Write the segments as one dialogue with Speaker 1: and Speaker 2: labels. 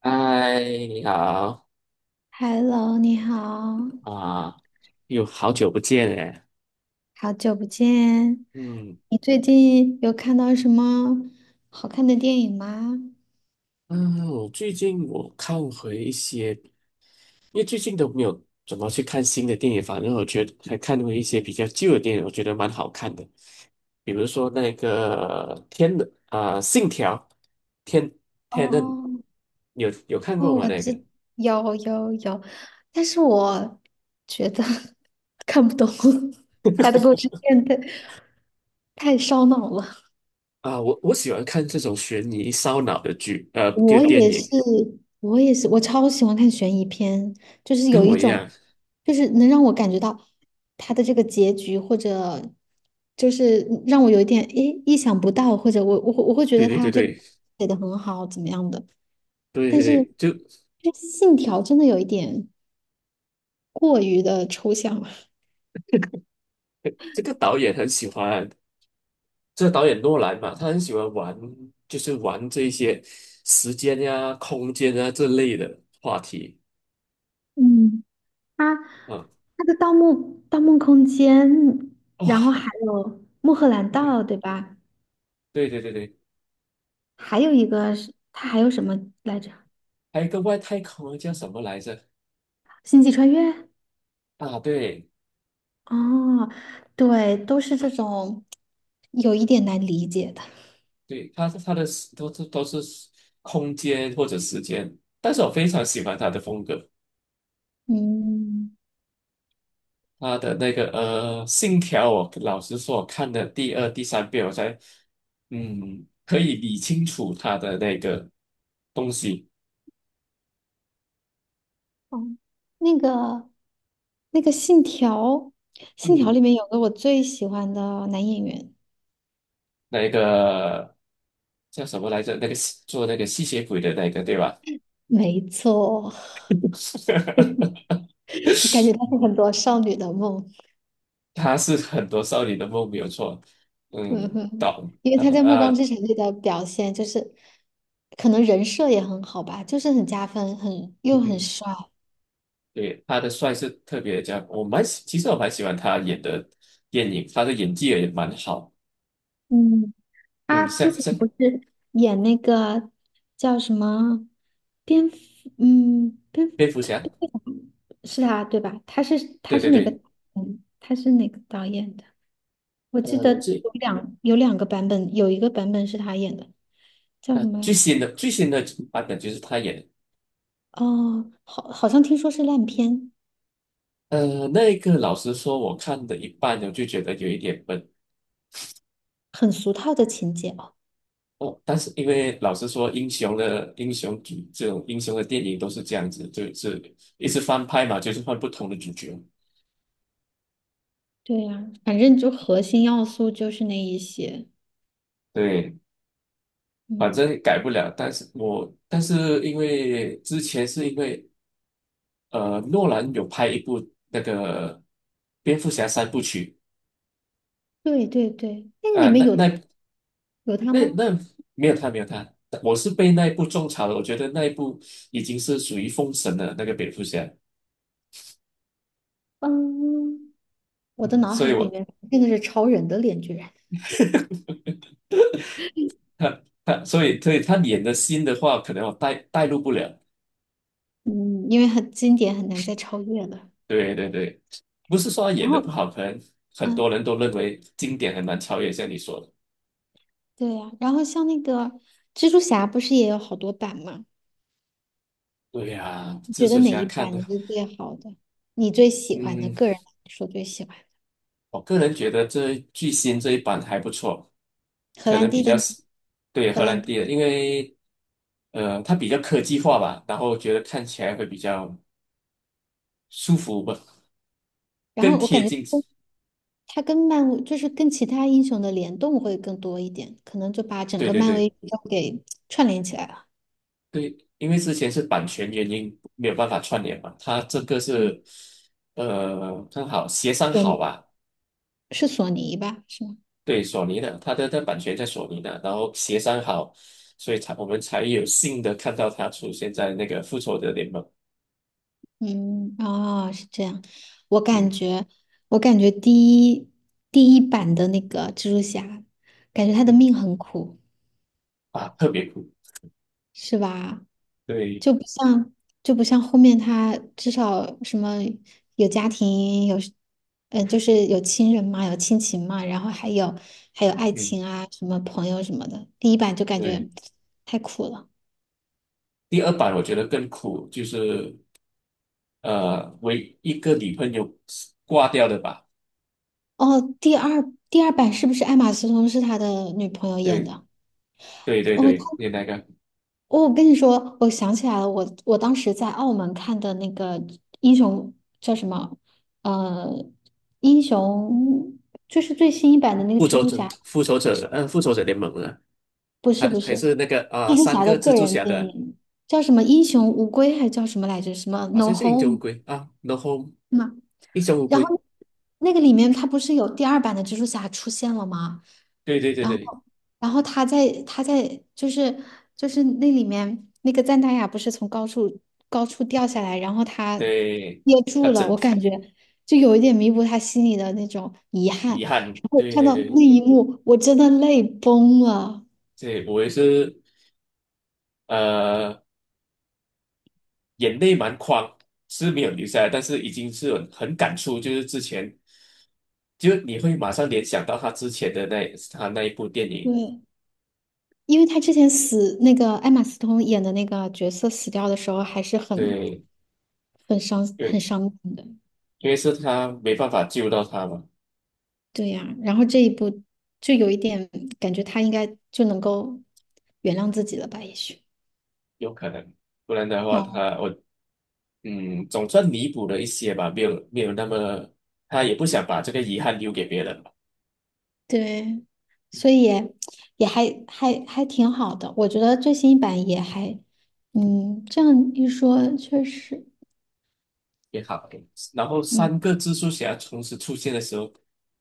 Speaker 1: 嗨，你好
Speaker 2: Hello，你好，
Speaker 1: 啊，又好久不见哎。
Speaker 2: 好久不见。
Speaker 1: 嗯
Speaker 2: 你最近有看到什么好看的电影吗？
Speaker 1: 嗯，我最近看回一些，因为最近都没有怎么去看新的电影，反正我觉得还看过一些比较旧的电影，我觉得蛮好看的。比如说那个《天》的啊，信条》《天天 e
Speaker 2: 哦，
Speaker 1: 有看过
Speaker 2: 哦，
Speaker 1: 吗？
Speaker 2: 我
Speaker 1: 那个
Speaker 2: 知有有有，但是我觉得 看不懂，他的故事线太烧脑了。
Speaker 1: 啊，我喜欢看这种悬疑烧脑的剧，就
Speaker 2: 我
Speaker 1: 电
Speaker 2: 也是，
Speaker 1: 影，
Speaker 2: 我也是，我超喜欢看悬疑片，就是
Speaker 1: 跟
Speaker 2: 有一
Speaker 1: 我一
Speaker 2: 种，
Speaker 1: 样。
Speaker 2: 就是能让我感觉到他的这个结局，或者就是让我有一点诶意想不到，或者我会觉
Speaker 1: 对
Speaker 2: 得
Speaker 1: 对
Speaker 2: 他这个
Speaker 1: 对。
Speaker 2: 写的很好，怎么样的？
Speaker 1: 对
Speaker 2: 但
Speaker 1: 对，
Speaker 2: 是
Speaker 1: 对，就
Speaker 2: 这信条真的有一点过于的抽象了。
Speaker 1: 这个导演很喜欢，这个导演诺兰嘛，他很喜欢玩，就是玩这一些时间呀、空间啊这类的话题
Speaker 2: 嗯，他
Speaker 1: 啊。
Speaker 2: 他的《盗墓盗梦空间》，然后
Speaker 1: 哇，
Speaker 2: 还有《穆赫兰
Speaker 1: 嗯，
Speaker 2: 道》，对吧？
Speaker 1: 对对对对，
Speaker 2: 还有一个是它还有什么来着？
Speaker 1: 还有一个外太空人叫什么来着？
Speaker 2: 星际穿越？
Speaker 1: 啊，对
Speaker 2: 哦，对，都是这种有一点难理解的。
Speaker 1: 对，他的都是空间或者时间，但是我非常喜欢他的风格。
Speaker 2: 嗯，
Speaker 1: 他的那个《信条》，我老实说，我看的第二、第三遍，我才可以理清楚他的那个东西，
Speaker 2: 哦，那个那个信条，信条
Speaker 1: 嗯，
Speaker 2: 里面有个我最喜欢的男演员，
Speaker 1: 那个叫什么来着？那个吸血鬼的那个，对吧？
Speaker 2: 没错，我感觉他是
Speaker 1: 嗯，
Speaker 2: 很多少女的梦。
Speaker 1: 他是很多少女的梦，没有错。
Speaker 2: 嗯
Speaker 1: 嗯，
Speaker 2: 哼，
Speaker 1: 导
Speaker 2: 因为
Speaker 1: 呃
Speaker 2: 他在《暮光
Speaker 1: 呃，
Speaker 2: 之城》里的表现，就是可能人设也很好吧，就是很加分，很又
Speaker 1: 嗯
Speaker 2: 很
Speaker 1: 哼，
Speaker 2: 帅。
Speaker 1: 对，他的帅是特别加，我蛮喜，其实我蛮喜欢他演的电影，他的演技也蛮好。
Speaker 2: 嗯，
Speaker 1: 嗯，
Speaker 2: 他之
Speaker 1: 像
Speaker 2: 前不
Speaker 1: 像
Speaker 2: 是演那个叫什么蝙蝠？嗯，蝙蝠
Speaker 1: 蝙蝠侠，
Speaker 2: 蝙蝠侠是他对吧？他是他
Speaker 1: 对
Speaker 2: 是
Speaker 1: 对
Speaker 2: 哪个？
Speaker 1: 对，
Speaker 2: 嗯，他是哪个导演的？我记得
Speaker 1: 呃，最
Speaker 2: 有两个版本，有一个版本是他演的，叫什么来
Speaker 1: 最
Speaker 2: 着？
Speaker 1: 新的最新的版本就是他演的，
Speaker 2: 哦，好，好像听说是烂片，
Speaker 1: 那个老实说，我看的一半呢，我就觉得有一点笨
Speaker 2: 很俗套的情节哦。
Speaker 1: 哦。但是因为老实说，英雄的英雄主这种英雄的电影都是这样子，就是一直翻拍嘛，就是换不同的主角。
Speaker 2: 对呀，反正就核心要素就是那一些。
Speaker 1: 对，反
Speaker 2: 嗯，
Speaker 1: 正改不了。但是因为之前是因为诺兰有拍一部那个蝙蝠侠三部曲。
Speaker 2: 对对对，那个里
Speaker 1: 啊，
Speaker 2: 面
Speaker 1: 那
Speaker 2: 有他
Speaker 1: 那
Speaker 2: 有他
Speaker 1: 那
Speaker 2: 吗？
Speaker 1: 那没有他，没有他，我是被那一部种草的。我觉得那一部已经是属于封神了，那个蝙蝠侠，
Speaker 2: 嗯。我的
Speaker 1: 嗯
Speaker 2: 脑
Speaker 1: 所以
Speaker 2: 海里
Speaker 1: 我
Speaker 2: 面真的是超人的脸，居然，
Speaker 1: 所以他演的新的话，可能我带入不了。
Speaker 2: 嗯，因为很经典，很难再超越了。
Speaker 1: 对对对，不是说他
Speaker 2: 然
Speaker 1: 演的不
Speaker 2: 后，
Speaker 1: 好，可能很多
Speaker 2: 嗯，
Speaker 1: 人都认为经典很难超越，像你说的。
Speaker 2: 对呀、然后像那个蜘蛛侠，不是也有好多版吗？
Speaker 1: 对呀、
Speaker 2: 你觉
Speaker 1: 蜘
Speaker 2: 得
Speaker 1: 蛛
Speaker 2: 哪
Speaker 1: 侠
Speaker 2: 一
Speaker 1: 看
Speaker 2: 版
Speaker 1: 的，
Speaker 2: 是最好的？你最喜欢的，
Speaker 1: 嗯，
Speaker 2: 个人来说最喜欢
Speaker 1: 我个人觉得这巨星这一版还不错，
Speaker 2: 荷
Speaker 1: 可
Speaker 2: 兰
Speaker 1: 能比
Speaker 2: 弟的
Speaker 1: 较
Speaker 2: 那
Speaker 1: 喜对
Speaker 2: 荷
Speaker 1: 荷
Speaker 2: 兰
Speaker 1: 兰
Speaker 2: 弟
Speaker 1: 弟的，
Speaker 2: 的。
Speaker 1: 因为它比较科技化吧，然后觉得看起来会比较舒服吧，
Speaker 2: 然
Speaker 1: 更
Speaker 2: 后我感
Speaker 1: 贴
Speaker 2: 觉
Speaker 1: 近。
Speaker 2: 他跟漫威就是跟其他英雄的联动会更多一点，可能就把整
Speaker 1: 对
Speaker 2: 个
Speaker 1: 对
Speaker 2: 漫威
Speaker 1: 对
Speaker 2: 宇宙给串联起来了。
Speaker 1: 对，因为之前是版权原因没有办法串联嘛，它这个
Speaker 2: 嗯，
Speaker 1: 是刚好协商
Speaker 2: 索
Speaker 1: 好
Speaker 2: 尼
Speaker 1: 吧，
Speaker 2: 是索尼吧？是吗？
Speaker 1: 对索尼的，它版权在索尼的，然后协商好，所以才我们才有幸的看到它出现在那个复仇者联盟，
Speaker 2: 嗯，哦，是这样。我感
Speaker 1: 嗯
Speaker 2: 觉，我感觉一第一版的那个蜘蛛侠，感觉他的
Speaker 1: 嗯
Speaker 2: 命很苦，
Speaker 1: 啊，特别酷，
Speaker 2: 是吧？
Speaker 1: 对，
Speaker 2: 就不像就不像后面他至少什么有家庭，有，嗯，就是有亲人嘛，有亲情嘛，然后还有爱
Speaker 1: 嗯
Speaker 2: 情啊，什么朋友什么的。第一版就感觉
Speaker 1: 对，
Speaker 2: 太苦了。
Speaker 1: 第二版我觉得更酷，就是为一个女朋友挂掉的吧？
Speaker 2: 哦，第二版是不是艾玛斯通是他的女朋友演
Speaker 1: 对
Speaker 2: 的？
Speaker 1: 对对
Speaker 2: 哦，
Speaker 1: 对，你那个
Speaker 2: 哦我跟你说，我想起来了，我当时在澳门看的那个英雄叫什么？呃，英雄就是最新一版的那个蜘蛛侠，
Speaker 1: 复仇者联盟了，
Speaker 2: 不是
Speaker 1: 还
Speaker 2: 不是，
Speaker 1: 还是那个
Speaker 2: 蜘蛛
Speaker 1: 三
Speaker 2: 侠的
Speaker 1: 个蜘
Speaker 2: 个
Speaker 1: 蛛
Speaker 2: 人
Speaker 1: 侠
Speaker 2: 电
Speaker 1: 的，
Speaker 2: 影叫什么？英雄无归还叫什么来着？什么
Speaker 1: 好
Speaker 2: No
Speaker 1: 像是英雄乌
Speaker 2: Home
Speaker 1: 龟
Speaker 2: 吗？
Speaker 1: 英雄乌
Speaker 2: 然
Speaker 1: 龟，
Speaker 2: 后那个里面他不是有第二版的蜘蛛侠出现了吗？
Speaker 1: 对对对
Speaker 2: 然
Speaker 1: 对
Speaker 2: 后，然后他在就是就是那里面那个赞达亚不是从高处掉下来，然后他
Speaker 1: 对，
Speaker 2: 噎
Speaker 1: 他
Speaker 2: 住了，
Speaker 1: 整
Speaker 2: 我感觉就有一点弥补他心里的那种遗憾。
Speaker 1: 遗憾，
Speaker 2: 然后我
Speaker 1: 对
Speaker 2: 看
Speaker 1: 对
Speaker 2: 到那
Speaker 1: 对
Speaker 2: 一幕，我真的泪崩了。
Speaker 1: 对，我也是呃眼泪蛮眶是没有留下来，但是已经是很感触，就是之前就你会马上联想到他之前的那一部电影。
Speaker 2: 对，因为他之前死那个艾玛斯通演的那个角色死掉的时候，还是很
Speaker 1: 对，
Speaker 2: 很伤很
Speaker 1: 对，
Speaker 2: 伤感的。
Speaker 1: 因为是他没办法救到他嘛，
Speaker 2: 对呀，然后这一步就有一点感觉，他应该就能够原谅自己了吧？也许。
Speaker 1: 有可能，不然的话
Speaker 2: 哦，
Speaker 1: 他我嗯总算弥补了一些吧，没有没有那么他也不想把这个遗憾留给别人嘛，
Speaker 2: 对，所以也也还还还挺好的，我觉得最新一版也还，嗯，这样一说确实，
Speaker 1: 也好，OK。然后
Speaker 2: 嗯，
Speaker 1: 三个蜘蛛侠同时出现的时候，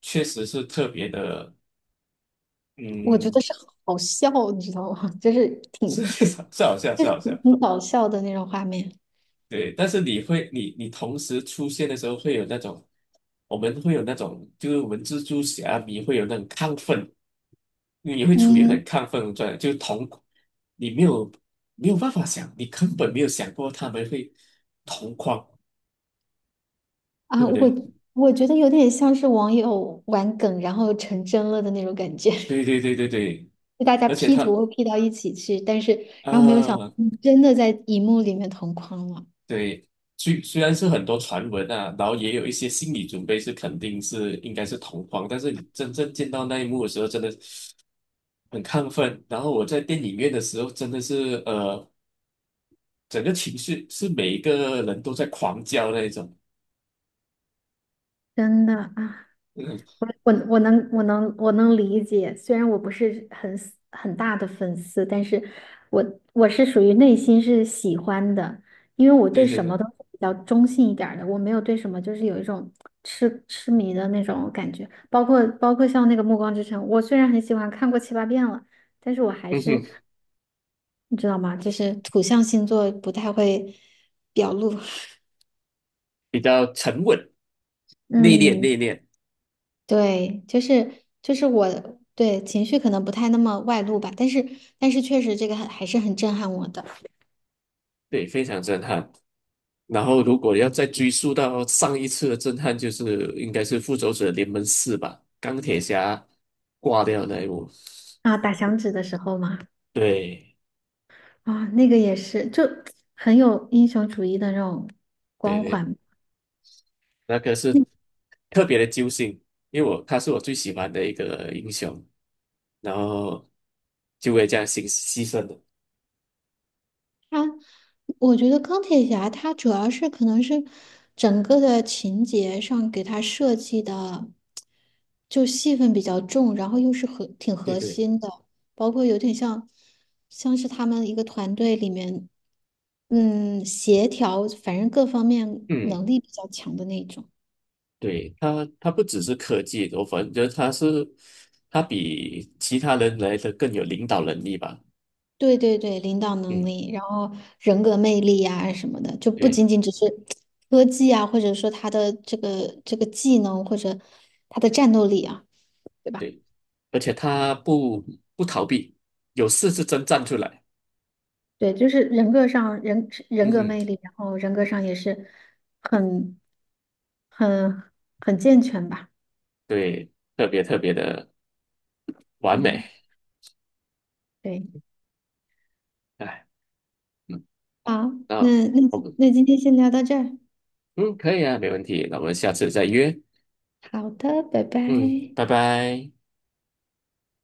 Speaker 1: 确实是特别的，
Speaker 2: 我觉得
Speaker 1: 嗯，
Speaker 2: 是好笑，你知道吗？就是挺
Speaker 1: 是 是好笑是好笑，
Speaker 2: 挺搞笑的那种画面。
Speaker 1: 对，但是你会，你同时出现的时候，会有那种，我们会有那种，就是我们蜘蛛侠迷会有那种亢奋，你会处于
Speaker 2: 嗯
Speaker 1: 很亢奋的状态，就是同，你没有办法想，你根本没有想过他们会同框，对
Speaker 2: 啊，
Speaker 1: 不
Speaker 2: 我
Speaker 1: 对？
Speaker 2: 我觉得有点像是网友玩梗，然后成真了的那种感觉。
Speaker 1: 对 对对对对，
Speaker 2: 就大家
Speaker 1: 而且
Speaker 2: P 图
Speaker 1: 他
Speaker 2: 会 P 到一起去，但是然后没有想到，
Speaker 1: 啊，
Speaker 2: 真的在荧幕里面同框了。
Speaker 1: 对，虽然是很多传闻啊，然后也有一些心理准备是肯定是应该是同框，但是你真正见到那一幕的时候，真的。很亢奋。然后我在电影院的时候，真的是整个情绪是每一个人都在狂叫那一种。
Speaker 2: 真的啊，
Speaker 1: 嗯，
Speaker 2: 我能理解，虽然我不是很 很大的粉丝，但是我是属于内心是喜欢的，因为我
Speaker 1: 对
Speaker 2: 对
Speaker 1: 对
Speaker 2: 什
Speaker 1: 对，
Speaker 2: 么都是比较中性一点儿的，我没有对什么就是有一种痴迷的那种感觉，包括像那个《暮光之城》，我虽然很喜欢，看过七八遍了，但是我还
Speaker 1: 嗯
Speaker 2: 是
Speaker 1: 哼，
Speaker 2: 你知道吗？就是土象星座不太会表露。
Speaker 1: 比较沉稳、内敛、
Speaker 2: 嗯，
Speaker 1: 内敛，
Speaker 2: 对，就是我对情绪可能不太那么外露吧，但是但是确实这个很还是很震撼我的
Speaker 1: 对，非常震撼。然后如果要再追溯到上一次的震撼，就是应该是《复仇者联盟四》吧，钢铁侠挂掉那一幕。
Speaker 2: 啊！打响指的时候嘛，
Speaker 1: 对
Speaker 2: 啊，那个也是，就很有英雄主义的那种
Speaker 1: 对
Speaker 2: 光
Speaker 1: 对
Speaker 2: 环。
Speaker 1: 那个是特别的揪心，因为他是我最喜欢的一个英雄，然后就会这样牺牲的。
Speaker 2: 我觉得钢铁侠他主要是可能是整个的情节上给他设计的，就戏份比较重，然后又是核挺
Speaker 1: 对
Speaker 2: 核
Speaker 1: 对，
Speaker 2: 心的，包括有点像是他们一个团队里面，嗯，协调，反正各方面
Speaker 1: 嗯，
Speaker 2: 能力比较强的那种。
Speaker 1: 对，他不只是科技，我反正觉得他比其他人来的更有领导能力吧。
Speaker 2: 对对对，领导能
Speaker 1: 嗯，
Speaker 2: 力，然后人格魅力呀、什么的，就不
Speaker 1: 对
Speaker 2: 仅仅只是科技啊，或者说他的这个技能或者他的战斗力啊。对吧？
Speaker 1: 对，而且他不逃避，有事是真站出来。
Speaker 2: 对，就是人格
Speaker 1: 嗯，
Speaker 2: 魅力，然后人格上也是很很很健全吧。
Speaker 1: 对，特别特别的完
Speaker 2: 嗯，
Speaker 1: 美。
Speaker 2: 对，
Speaker 1: 哎，嗯，
Speaker 2: 好，
Speaker 1: 那
Speaker 2: 那那
Speaker 1: 我们。
Speaker 2: 那今天先聊到这儿。
Speaker 1: 嗯，可以啊，没问题。那我们下次再约。
Speaker 2: 好的，拜拜。
Speaker 1: 嗯，拜拜。